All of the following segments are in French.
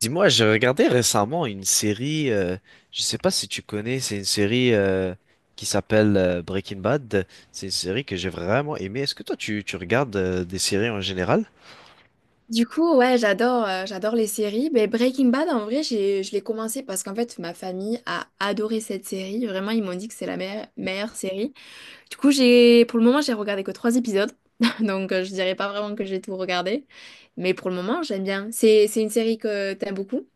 Dis-moi, j'ai regardé récemment une série, je sais pas si tu connais, c'est une série qui s'appelle Breaking Bad. C'est une série que j'ai vraiment aimée. Est-ce que toi, tu regardes des séries en général? Du coup, ouais, j'adore, j'adore les séries. Mais Breaking Bad, en vrai, je l'ai commencé parce qu'en fait, ma famille a adoré cette série. Vraiment, ils m'ont dit que c'est la meilleure série. Du coup, pour le moment, j'ai regardé que trois épisodes. Donc, je dirais pas vraiment que j'ai tout regardé. Mais pour le moment, j'aime bien. C'est une série que t'aimes beaucoup.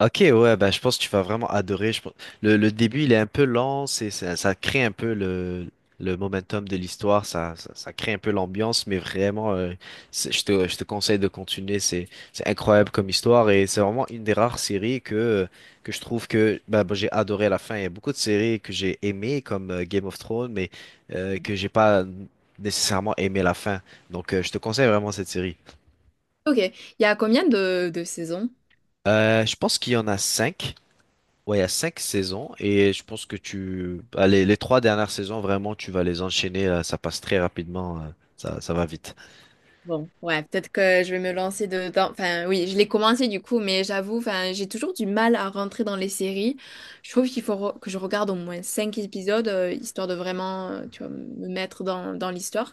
Ok, ouais, bah, je pense que tu vas vraiment adorer. Je pense... le début, il est un peu lent, ça crée un peu le momentum de l'histoire, ça crée un peu l'ambiance, mais vraiment, je te conseille de continuer. C'est incroyable comme histoire et c'est vraiment une des rares séries que je trouve que j'ai adoré la fin. Il y a beaucoup de séries que j'ai aimées, comme Game of Thrones, mais que j'ai pas nécessairement aimé la fin. Donc, je te conseille vraiment cette série. Ok. Il y a combien de saisons? Je pense qu'il y en a cinq. Ouais, il y a cinq saisons et je pense que les trois dernières saisons, vraiment, tu vas les enchaîner, là, ça passe très rapidement, ça va vite. Bon, ouais, peut-être que je vais me lancer dedans. Enfin, oui, je l'ai commencé du coup, mais j'avoue, enfin, j'ai toujours du mal à rentrer dans les séries. Je trouve qu'il faut que je regarde au moins cinq épisodes, histoire de vraiment, tu vois, me mettre dans l'histoire.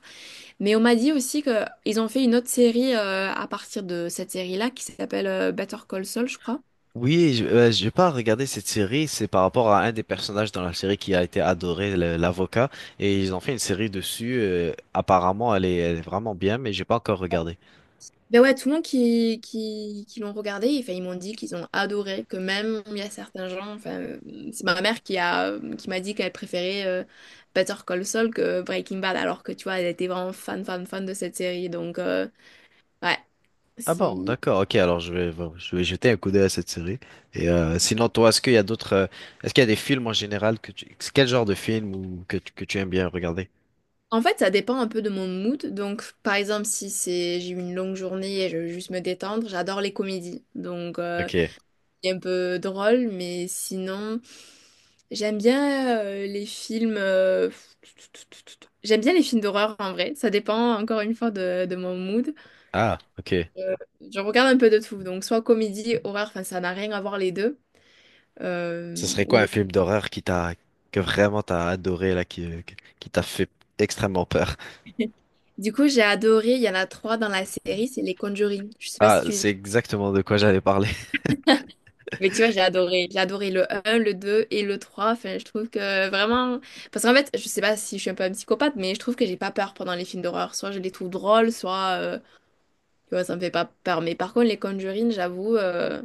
Mais on m'a dit aussi que ils ont fait une autre série à partir de cette série-là qui s'appelle Better Call Saul, je crois. Oui, j'ai pas regardé cette série, c'est par rapport à un des personnages dans la série qui a été adoré, l'avocat, et ils ont fait une série dessus, apparemment, elle est vraiment bien, mais j'ai pas encore regardé. Ben ouais, tout le monde qui l'ont regardé, enfin, ils m'ont dit qu'ils ont adoré, que même il y a certains gens, enfin, c'est ma mère qui m'a dit qu'elle préférait Better Call Saul que Breaking Bad, alors que tu vois, elle était vraiment fan, fan, fan de cette série. Donc, ouais, Ah bon, si... d'accord, ok, alors bon, je vais jeter un coup d'œil à cette série. Et sinon, toi, est-ce qu'il y a d'autres, est-ce qu'il y a des films en général quel genre de film que tu aimes bien regarder? En fait, ça dépend un peu de mon mood. Donc, par exemple, si c'est j'ai eu une longue journée et je veux juste me détendre, j'adore les comédies. Donc, Ok. est un peu drôle, mais sinon, j'aime bien les films. J'aime bien les films d'horreur en vrai. Ça dépend encore une fois de mon mood. Ah, ok. Euh, je regarde un peu de tout. Donc, soit comédie, horreur, enfin, ça n'a rien à voir les deux. Ce Euh, serait ou quoi un les- film d'horreur qui t'a que vraiment t'as adoré là, qui t'a fait extrêmement peur? Du coup, j'ai adoré. Il y en a trois dans la série, c'est les Conjuring. Je sais pas si Ah, tu les... c'est exactement de quoi j'allais parler. Mais tu vois, j'ai adoré. J'ai adoré le un, le 2 et le trois. Enfin, je trouve que vraiment... Parce qu'en fait, je sais pas si je suis un peu un psychopathe, mais je trouve que j'ai pas peur pendant les films d'horreur. Soit je les trouve drôles, soit... tu vois, ça me fait pas peur. Mais par contre, les Conjuring, j'avoue,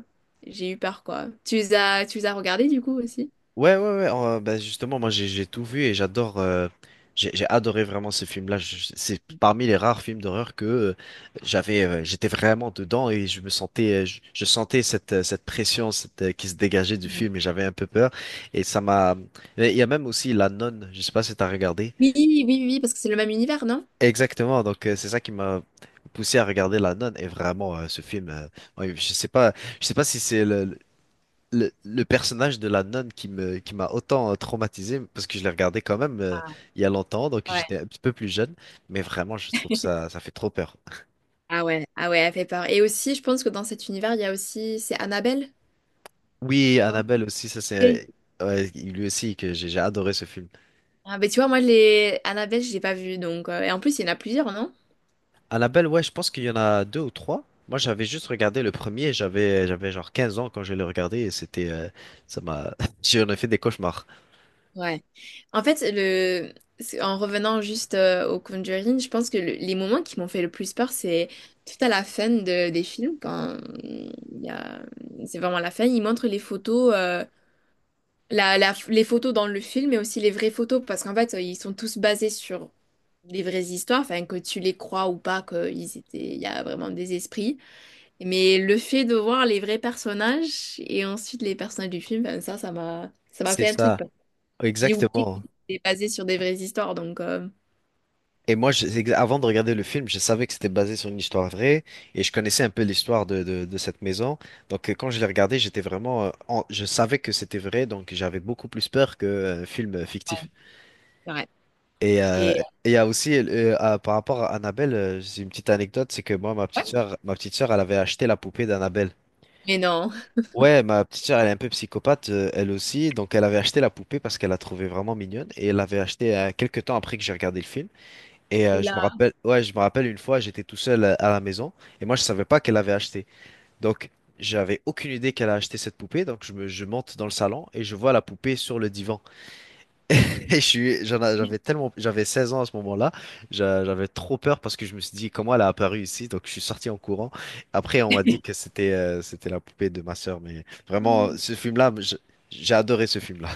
j'ai eu peur, quoi. Tu les as regardés, du coup, aussi? Ouais. Ben justement, moi j'ai tout vu et j'adore. J'ai adoré vraiment ce film-là. C'est parmi les rares films d'horreur que j'avais. J'étais vraiment dedans et je me sentais. Je sentais cette cette pression qui se dégageait du film et j'avais un peu peur. Et ça m'a. Il y a même aussi La Nonne. Je sais pas si t'as regardé. Oui, oui, oui, oui, parce que c'est le même univers, non? Exactement, donc c'est ça qui m'a poussé à regarder La Nonne et vraiment ce film, ouais, je sais pas si c'est le personnage de La Nonne qui m'a autant traumatisé parce que je l'ai regardé quand même il y a longtemps, donc Ouais. j'étais un petit peu plus jeune, mais vraiment je trouve ça fait trop peur. Ouais. Ah ouais, elle fait peur. Et aussi, je pense que dans cet univers, il y a aussi... C'est Annabelle, je Oui, crois. Annabelle aussi, ça Oui. c'est ouais, lui aussi que j'ai adoré ce film. Ah, ben tu vois, moi, les... Annabelle, je l'ai pas vue, donc... Et en plus, il y en a plusieurs, non? Annabelle, ouais, je pense qu'il y en a deux ou trois. Moi, j'avais juste regardé le premier, j'avais genre 15 ans quand je l'ai regardé et c'était ça m'a j'en ai fait des cauchemars. En fait, en revenant juste au Conjuring, je pense que les moments qui m'ont fait le plus peur, c'est tout à la fin des films, quand il y a... c'est vraiment la fin, ils montrent les photos, les photos dans le film, mais aussi les vraies photos, parce qu'en fait, ils sont tous basés sur des vraies histoires, enfin, que tu les crois ou pas, il y a vraiment des esprits. Mais le fait de voir les vrais personnages et ensuite les personnages du film, ben, ça m'a C'est fait un truc. ça, J'ai oublié exactement. qu'il était basé sur des vraies histoires, donc... Et moi, avant de regarder le film, je savais que c'était basé sur une histoire vraie et je connaissais un peu l'histoire de cette maison. Donc, quand je l'ai regardé, j'étais vraiment, je savais que c'était vrai, donc j'avais beaucoup plus peur qu'un film fictif. C'est vrai. Et euh, Et... et il y a aussi, par rapport à Annabelle, c'est une petite anecdote, c'est que moi, ma petite sœur, elle avait acheté la poupée d'Annabelle. Mais non. Ouais, ma petite sœur, elle est un peu psychopathe, elle aussi. Donc, elle avait acheté la poupée parce qu'elle la trouvait vraiment mignonne et elle l'avait achetée quelques temps après que j'ai regardé le film. Et Là. Je me rappelle une fois, j'étais tout seul à la maison et moi je savais pas qu'elle avait acheté. Donc j'avais aucune idée qu'elle a acheté cette poupée. Donc je monte dans le salon et je vois la poupée sur le divan. Et j'avais tellement, j'avais 16 ans à ce moment-là. J'avais trop peur parce que je me suis dit comment elle a apparu ici. Donc je suis sorti en courant. Après on m'a dit que c'était la poupée de ma sœur. Mais vraiment, j'ai adoré ce film-là.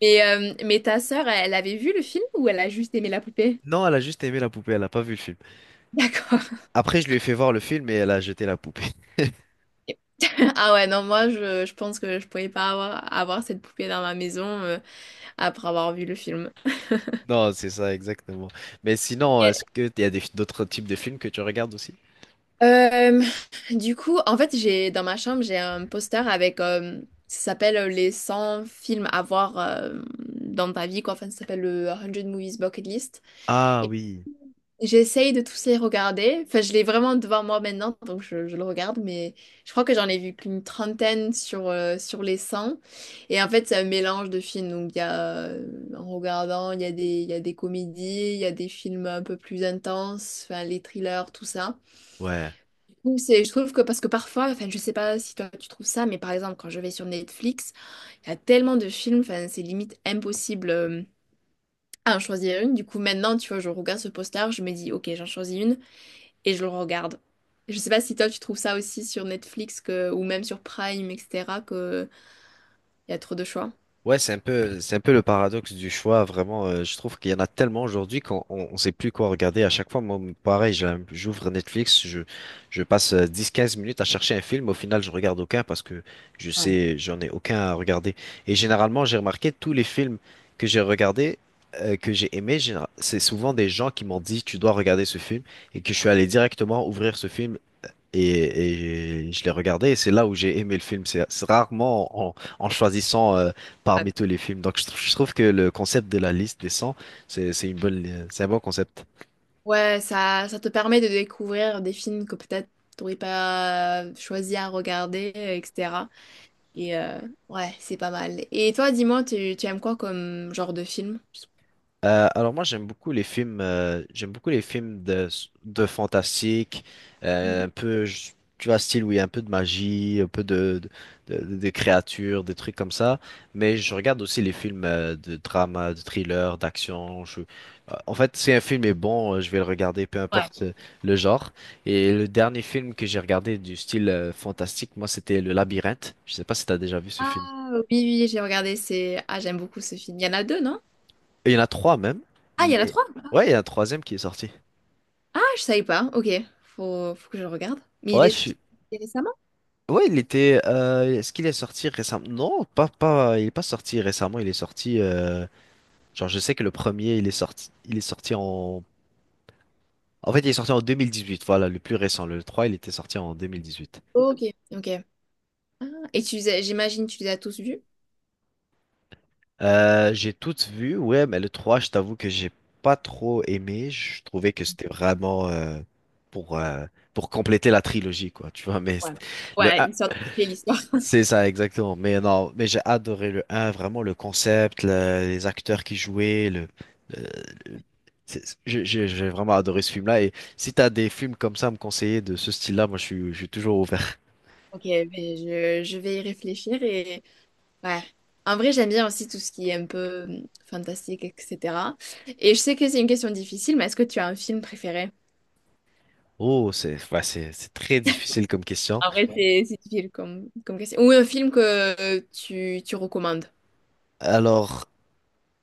Mais ta sœur, elle avait vu le film ou elle a juste aimé la poupée? Non, elle a juste aimé la poupée. Elle a pas vu le film. D'accord. Après je lui ai fait voir le film et elle a jeté la poupée. Ah ouais, non, moi, je pense que je pouvais pas avoir cette poupée dans ma maison après avoir vu le film. Non, c'est ça, exactement. Mais sinon, Et- est-ce que il y a des- d'autres types de films que tu regardes aussi? Euh, du coup, en fait, j'ai dans ma chambre, j'ai un poster avec... ça s'appelle les 100 films à voir dans ta vie, quoi. Enfin, ça s'appelle le 100 Movies Bucket List. Ah oui, J'essaye de tous les regarder. Enfin, je l'ai vraiment devant moi maintenant, donc je le regarde, mais je crois que j'en ai vu qu'une trentaine sur les cent. Et en fait, c'est un mélange de films. Donc, en regardant, il y a des comédies, il y a des films un peu plus intenses, enfin, les thrillers, tout ça. ouais. Donc, je trouve que parce que parfois, enfin, je sais pas si toi tu trouves ça, mais par exemple, quand je vais sur Netflix, il y a tellement de films, enfin, c'est limite impossible à en choisir une. Du coup, maintenant, tu vois, je regarde ce poster, je me dis, ok, j'en choisis une et je le regarde. Je sais pas si toi tu trouves ça aussi sur Netflix que, ou même sur Prime, etc., que il y a trop de choix. Ouais, c'est un peu le paradoxe du choix, vraiment. Je trouve qu'il y en a tellement aujourd'hui qu'on sait plus quoi regarder. À chaque fois, moi, pareil, j'ouvre Netflix, je passe dix, quinze minutes à chercher un film. Au final, je regarde aucun parce que Ouais. J'en ai aucun à regarder. Et généralement, j'ai remarqué tous les films que j'ai regardés, que j'ai aimés, c'est souvent des gens qui m'ont dit, tu dois regarder ce film, et que je suis allé directement ouvrir ce film et je l'ai regardé, et c'est là où j'ai aimé le film. C'est rarement en choisissant Ah, parmi tous les films. Donc je trouve que le concept de la liste des 100, c'est une c'est un bon concept. ouais, ça te permet de découvrir des films que peut-être t'aurais pas choisi à regarder, etc. Et ouais, c'est pas mal. Et toi, dis-moi, tu aimes quoi comme genre de film? Alors moi j'aime beaucoup les films j'aime beaucoup les films de fantastique euh, Mhm. un peu je- tu vois style où il y a un peu de magie un peu de de créatures des trucs comme ça mais je regarde aussi les films de drama de thriller d'action en fait si un film est bon je vais le regarder peu importe Ouais. Le genre et le dernier film que j'ai regardé du style fantastique moi c'était Le Labyrinthe je sais pas si t'as déjà vu ce Ah film oui, oui, j'ai regardé, c'est... Ah, j'aime beaucoup ce film. Il y en a deux, non? il y en a trois même Ah, il y en a mais trois? ouais il y a un troisième qui est sorti Ah, je savais pas. Ok, faut que je le regarde. Mais il Ouais, est, je, il est récemment? Ouais, il était. Est-ce qu'il est sorti récemment? Non, pas, pas. Il est pas sorti récemment. Il est sorti. Genre, je sais que le premier, il est sorti. Il est sorti en. En fait, il est sorti en 2018. Voilà, le plus récent. Le 3 il était sorti en 2018. Ok, ok. Ah, et j'imagine que tu les as tous vus. J'ai toutes vues. Ouais, mais le 3 je t'avoue que j'ai pas trop aimé. Je trouvais que c'était vraiment pour euh, pour compléter la trilogie, quoi. Tu vois, mais c't- Ouais. le Ouais, une sorte de l'histoire. C'est ça, exactement. Mais non, mais j'ai adoré le un vraiment le concept, les acteurs qui jouaient, le- le- j'ai vraiment adoré ce film-là. Et si t'as des films comme ça à me conseiller de ce style-là, je suis toujours ouvert. Ok, mais je vais y réfléchir et ouais. En vrai, j'aime bien aussi tout ce qui est un peu fantastique, etc. Et je sais que c'est une question difficile, mais est-ce que tu as un film préféré? Oh, c'est très difficile comme question. En vrai, c'est difficile comme question. Ou un film que tu recommandes. Alors,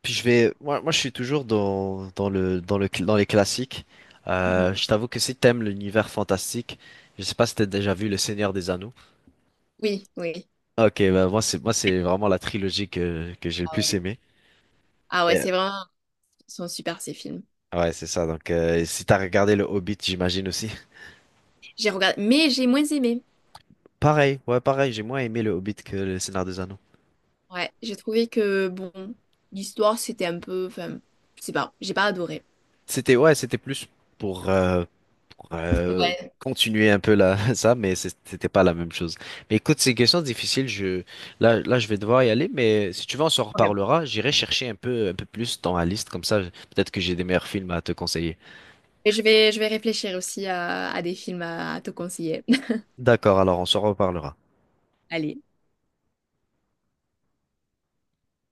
puis je vais, moi, moi je suis toujours dans les classiques. Mhm. Je t'avoue que si t'aimes l'univers fantastique, je sais pas si t'as déjà vu Le Seigneur des Anneaux. Oui, oui. Ok, bah moi c'est vraiment la trilogie que j'ai le Ah plus ouais. aimé. Ah ouais, c'est vraiment, ils sont super ces films. Ouais, c'est ça. Donc, si t'as regardé le Hobbit, j'imagine aussi. J'ai regardé, mais j'ai moins aimé. Pareil, ouais, pareil. J'ai moins aimé le Hobbit que le Seigneur des Anneaux. Ouais, j'ai trouvé que, bon, l'histoire, c'était un peu... Enfin, je sais pas, j'ai pas adoré. C'était plus pour, euh, pour, euh, Ouais. continuer un peu là, ça, mais c'était pas la même chose. Mais écoute, c'est une question difficile. Je vais devoir y aller, mais si tu veux, on s'en Ouais. reparlera. J'irai chercher un peu plus dans la liste, comme ça, peut-être que j'ai des meilleurs films à te conseiller. Et je vais réfléchir aussi à des films à te conseiller. D'accord, alors on s'en reparlera. Allez.